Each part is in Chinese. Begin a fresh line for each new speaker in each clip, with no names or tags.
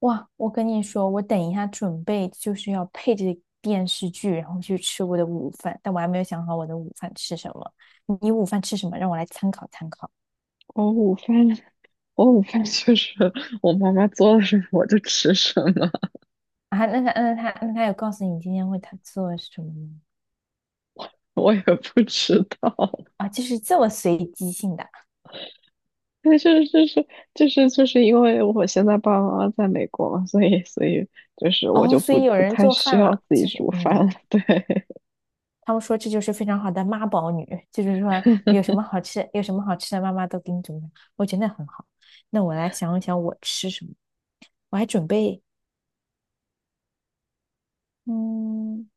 哇，我跟你说，我等一下准备就是要配着电视剧，然后去吃我的午饭，但我还没有想好我的午饭吃什么。你午饭吃什么？让我来参考参考
我午饭，我午饭就是我妈妈做了什么我就吃什么。
啊。那他有告诉你今天为他做什么吗？
我也不知道。
啊，就是这么随机性的
但是就是因为我现在爸爸妈妈在美国嘛，所以就是我
哦，
就
所
不
以有
不
人
太
做
需
饭
要
了，
自己
就是
煮饭了。对，
他们说这就是非常好的妈宝女，就是说 有什么好吃，有什么好吃的，妈妈都给你准备，我觉得很好。那我来想一想我吃什么，我还准备嗯。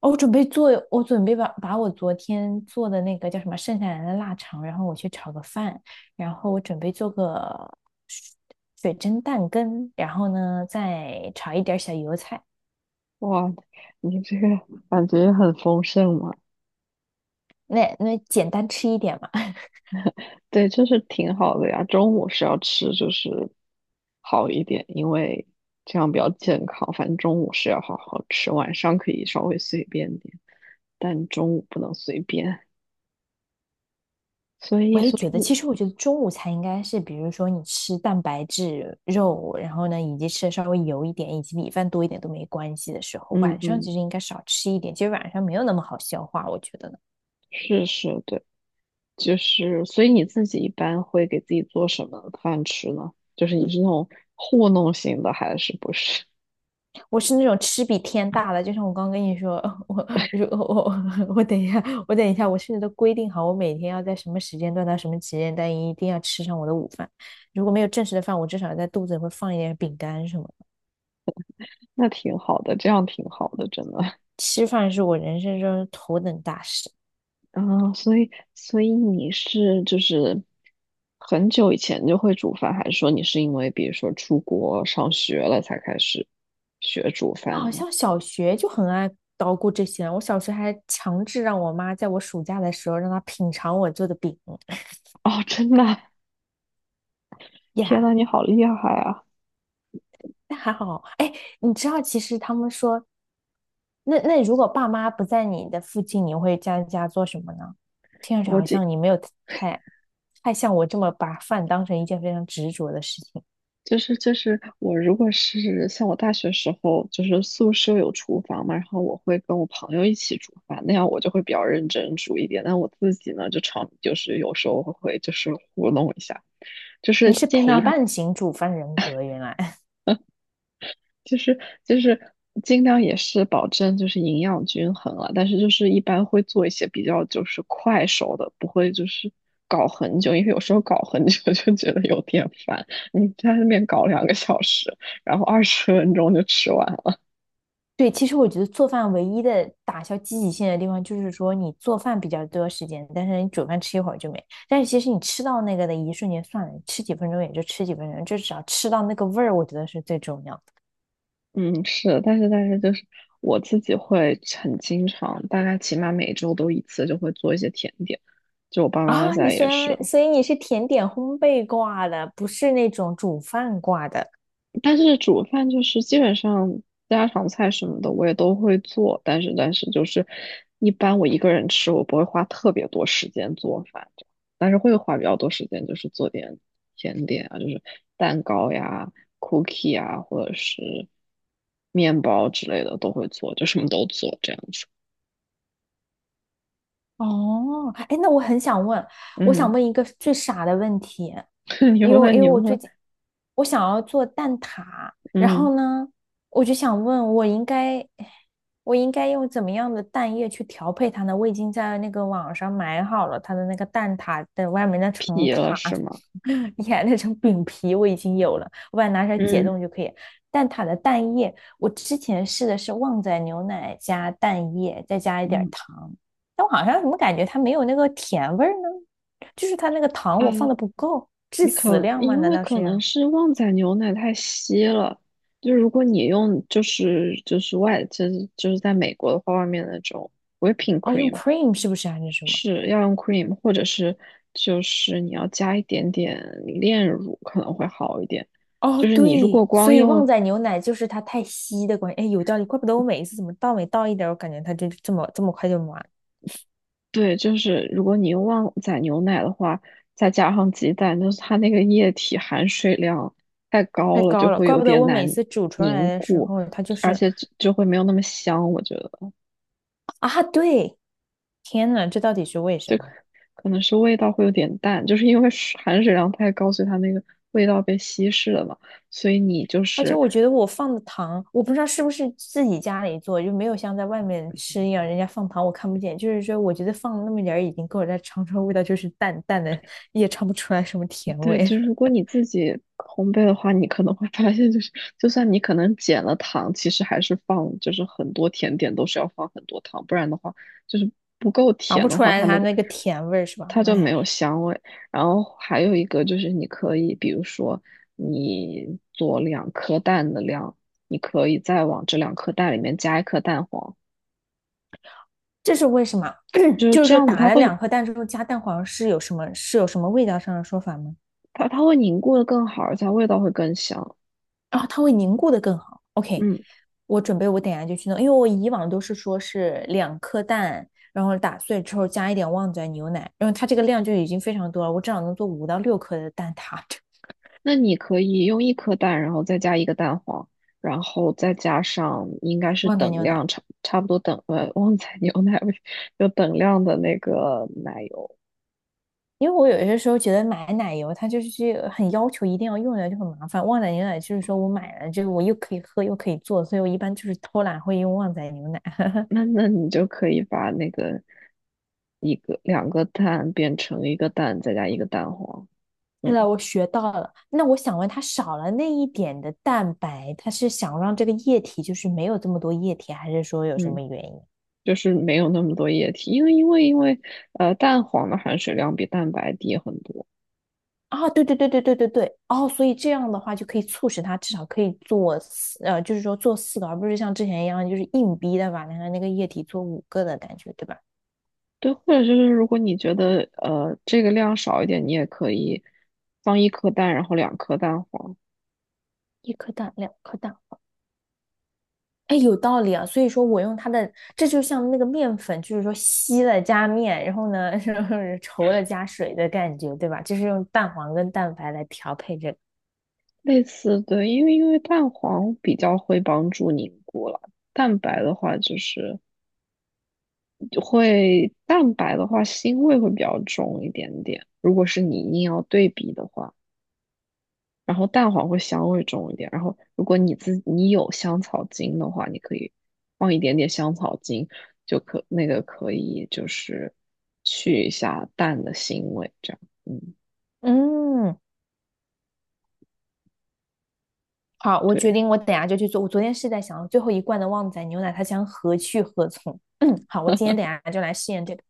哦我准备把我昨天做的那个叫什么剩下来的腊肠，然后我去炒个饭，然后我准备做个水水蒸蛋羹，然后呢再炒一点儿小油菜，
哇，你这个感觉很丰盛嘛？
那简单吃一点嘛。
对，就是挺好的呀。中午是要吃就是好一点，因为这样比较健康。反正中午是要好好吃，晚上可以稍微随便点，但中午不能随便。所
我
以，
也
所
觉得，其
以，
实我觉得中午才应该是，比如说你吃蛋白质、肉，然后呢以及吃的稍微油一点，以及米饭多一点都没关系的时候，
嗯
晚上其
嗯，
实应该少吃一点，其实晚上没有那么好消化，我觉得呢。
是是，对，就是，所以你自己一般会给自己做什么饭吃呢？就是你是那种糊弄型的，还是不是？
我是那种吃比天大的，就像我刚跟你说，我我等一下，我甚至都规定好，我每天要在什么时间段到什么时间段一定要吃上我的午饭。如果没有正式的饭，我至少在肚子里会放一点饼干什么的。
那挺好的，这样挺好的，真的。
吃饭是我人生中头等大事。
啊，所以你是就是很久以前就会煮饭，还是说你是因为比如说出国上学了才开始学煮
我
饭
好
呢？
像小学就很爱捣鼓这些，我小学还强制让我妈在我暑假的时候让她品尝我做的饼
哦，真的啊。天
呀。
呐，你好厉害啊！
那还好，哎，你知道，其实他们说那如果爸妈不在你的附近，你会在家做什么呢？听上去
我
好
这
像你没有太太像我这么把饭当成一件非常执着的事情。
就是我如果是像我大学时候，就是宿舍有厨房嘛，然后我会跟我朋友一起煮饭，那样我就会比较认真煮一点，但我自己呢就常就是有时候会就是糊弄一下。就
你
是
是
尽
陪
量还
伴型煮饭人格，原来。
就是就是尽量也是保证就是营养均衡啊，但是就是一般会做一些比较就是快手的，不会就是搞很久，因为有时候搞很久 就觉得有点烦。你在那边搞2个小时，然后二十分钟就吃完了。
对。其实我觉得做饭唯一的打消积极性的地方，就是说你做饭比较多时间，但是你煮饭吃一会儿就没。但是其实你吃到那个的一瞬间算了，吃几分钟也就吃几分钟，就只要吃到那个味儿，我觉得是最重要。
嗯，是，但是就是我自己会很经常，大概起码每周都一次就会做一些甜点，就我爸妈
啊，你
在
虽
也是。
然所以你是甜点烘焙挂的，不是那种煮饭挂的。
但是煮饭就是基本上家常菜什么的我也都会做，但是就是一般我一个人吃，我不会花特别多时间做饭，但是会花比较多时间就是做点甜点啊，就是蛋糕呀、cookie 啊，或者是面包之类的都会做，就什么都做这样子。
哦，哎，那我很想问，我想
嗯，
问一个最傻的问题，
你
因为因
问
为
你
我最
问。
近我想要做蛋挞，然
嗯，
后呢，我就想问我应该用怎么样的蛋液去调配它呢？我已经在那个网上买好了它的那个蛋挞的外面那层
皮了
塔，
是吗？
你看那层饼皮我已经有了，我把它拿出来解
嗯
冻就可以。蛋挞的蛋液，我之前试的是旺仔牛奶加蛋液，再加一点儿
嗯，
糖。但我好像怎么感觉它没有那个甜味呢？就是它那个糖
哎，
我放的不够，致
你
死
可
量吗？
因
难
为
道是
可
这
能
样。
是旺仔牛奶太稀了，就是如果你用就是就是外就是就是在美国的话，外面的那种 whipping
哦，用
cream
cream 是不是啊还是什么？
是要用 cream，或者是就是你要加一点点炼乳可能会好一点。
哦，
就是你如果
对，所
光
以旺
用。
仔牛奶就是它太稀的关系。哎，有道理，怪不得我每一次怎么倒每倒一点我感觉它就这么快就满，
对，就是如果你用旺仔牛奶的话，再加上鸡蛋，就是它那个液体含水量太高
太
了，就
高了。
会
怪
有
不得
点
我每
难
次煮出来
凝
的时
固，
候，它就
而
是
且就会没有那么香。我觉得，
啊，对，天呐，这到底是为什
就
么？
可可能是味道会有点淡，就是因为水含水量太高，所以它那个味道被稀释了嘛。所以你就
而且
是。
我觉得我放的糖，我不知道是不是自己家里做，就没有像在外面吃一样，人家放糖我看不见。就是说，我觉得放了那么点儿已经够了，但尝出来味道就是淡淡的，也尝不出来什么甜
对，
味，
就是如果你自己烘焙的话，你可能会发现，就是就算你可能减了糖，其实还是放，就是很多甜点都是要放很多糖，不然的话，就是不够
尝
甜
不
的
出
话，它
来
那
它
个
那个甜味是吧？
它就没
哎，
有香味。然后还有一个就是你可以，比如说你做两颗蛋的量，你可以再往这两颗蛋里面加一颗蛋黄，
这是为什么？
就 是
就是
这
说
样子，
打
它
了
会
两颗蛋之后加蛋黄是有什么味道上的说法吗？
它它会凝固的更好，而且它味道会更香。
啊，它会凝固的更好。OK，
嗯。
我准备我等下就去弄，因为我以往都是说是两颗蛋，然后打碎之后加一点旺仔牛奶，然后它这个量就已经非常多了，我至少能做五到六颗的蛋挞
那你可以用一颗蛋，然后再加一个蛋黄，然后再加上应该是
旺仔
等
牛奶。
量差不多等旺仔 牛奶味，有等量的那个奶油。
因为我有些时候觉得买奶油它就是去很要求一定要用的就很麻烦，旺仔牛奶就是说我买了就是我又可以喝又可以做，所以我一般就是偷懒会用旺仔牛奶。
那那你就可以把那个一个两个蛋变成一个蛋，再加一个蛋黄。
对了，
嗯
我学到了。那我想问，它少了那一点的蛋白，它是想让这个液体就是没有这么多液体，还是说有什
嗯，
么原因？
就是没有那么多液体，因为蛋黄的含水量比蛋白低很多。
啊，对对对对对对对，哦，所以这样的话就可以促使它至少可以做四，呃，就是说做四个，而不是像之前一样就是硬逼的把那个液体做五个的感觉，对吧？
对，或者就是如果你觉得这个量少一点，你也可以放一颗蛋，然后两颗蛋黄，
一颗蛋，两颗蛋，哎，有道理啊，所以说我用它的，这就像那个面粉，就是说稀了加面，然后呢，是稠了加水的感觉，对吧？就是用蛋黄跟蛋白来调配这个。
类似。对，因为蛋黄比较会帮助凝固了，蛋白的话就是蛋白的话腥味会比较重一点点，如果是你硬要对比的话。然后蛋黄会香味重一点。然后如果你自你有香草精的话，你可以放一点点香草精，就可那个可以就是去一下蛋的腥味，这样。嗯，
嗯，好，我决
对。
定，我等下就去做。我昨天是在想，最后一罐的旺仔牛奶，它将何去何从？嗯，好，我今天等下就来试验这个。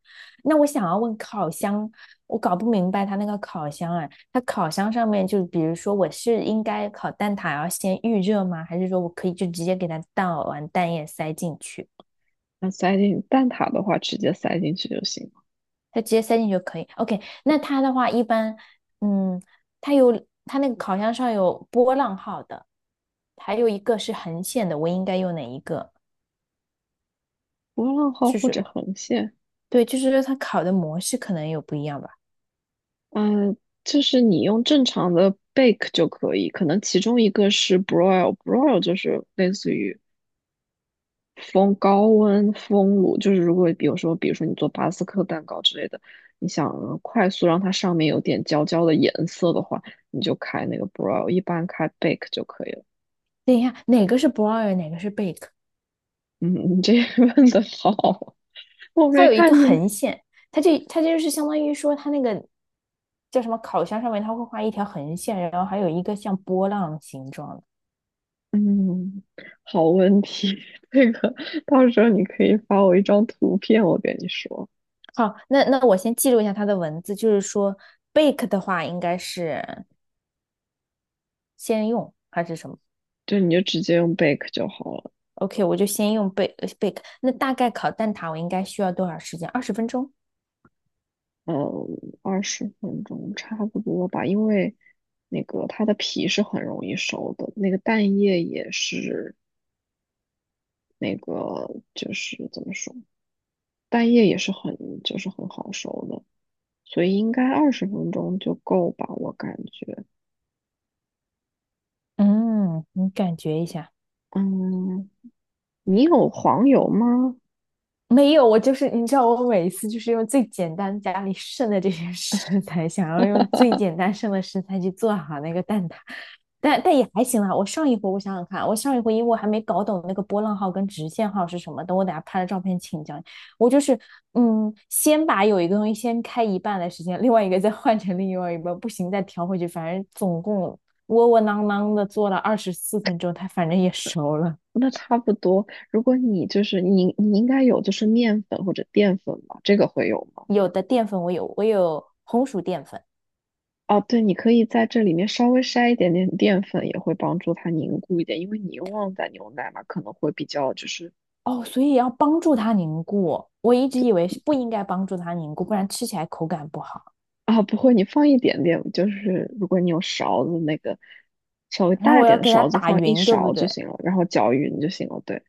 那我想要问烤箱，我搞不明白它那个烤箱啊，它烤箱上面就比如说，我是应该烤蛋挞要先预热吗？还是说我可以就直接给它倒完蛋液塞进去？
那塞进蛋挞的话，直接塞进去就行了。
它直接塞进去就可以。OK，那它的话一般，嗯，它有它那个烤箱上有波浪号的，还有一个是横线的，我应该用哪一个？
波浪号
就
或
是
者横线，
对，就是它烤的模式可能有不一样吧。
嗯、就是你用正常的 bake 就可以，可能其中一个是 broil，broil 就是类似于风高温风炉，就是如果比如说，比如说你做巴斯克蛋糕之类的，你想快速让它上面有点焦焦的颜色的话，你就开那个 broil，一般开 bake 就可以了。
等一下，哪个是 broil，哪个是 bake？
嗯，你这个问的好，我
它
没
有一个
看见。
横线，它这它就是相当于说它那个叫什么烤箱上面，它会画一条横线，然后还有一个像波浪形状的。
嗯，好问题，这个到时候你可以发我一张图片，我跟你说，
好，那我先记录一下它的文字，就是说 bake 的话应该是先用还是什么
就你就直接用 bake 就好了。
？OK，我就先用 bake bake。那大概烤蛋挞我应该需要多少时间？20分钟。
呃二十分钟差不多吧，因为那个它的皮是很容易熟的，那个蛋液也是那个就是怎么说，蛋液也是很就是很好熟的，所以应该二十分钟就够吧，我感觉。
嗯，你感觉一下。
嗯，你有黄油吗？
没有，我就是你知道，我每一次就是用最简单家里剩的这些 食材，想要用最简单剩的食材去做好那个蛋挞，但也还行啦。我上一回我想想看，我上一回因为我还没搞懂那个波浪号跟直线号是什么，等我等下拍了照片请教你。我就是先把有一个东西先开一半的时间，另外一个再换成另外一半，不行再调回去，反正总共窝窝囊囊的做了24分钟，它反正也熟了。
那差不多。如果你就是你，你应该有就是面粉或者淀粉吧，这个会有吗？
有的淀粉我有，我有红薯淀粉。
哦，对，你可以在这里面稍微筛一点点淀粉，也会帮助它凝固一点，因为你用旺仔牛奶嘛，可能会比较就是。
哦，所以要帮助它凝固。我一直以为是不应该帮助它凝固，不然吃起来口感不好。
啊，不会，你放一点点，就是如果你有勺子，那个稍微
然后
大一
我
点
要
的
给它
勺子，
打
放一
匀，对不
勺就
对？
行了，然后搅匀就行了。对，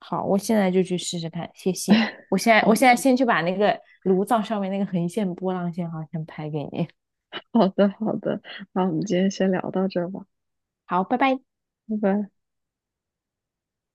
好，我现在就去试试看，谢谢。我现在，
好
我现在
的，
先去把那个炉灶上面那个横线波浪线好像拍给你。
好的，好的，那我们今天先聊到这儿吧，
好，拜拜。
拜拜。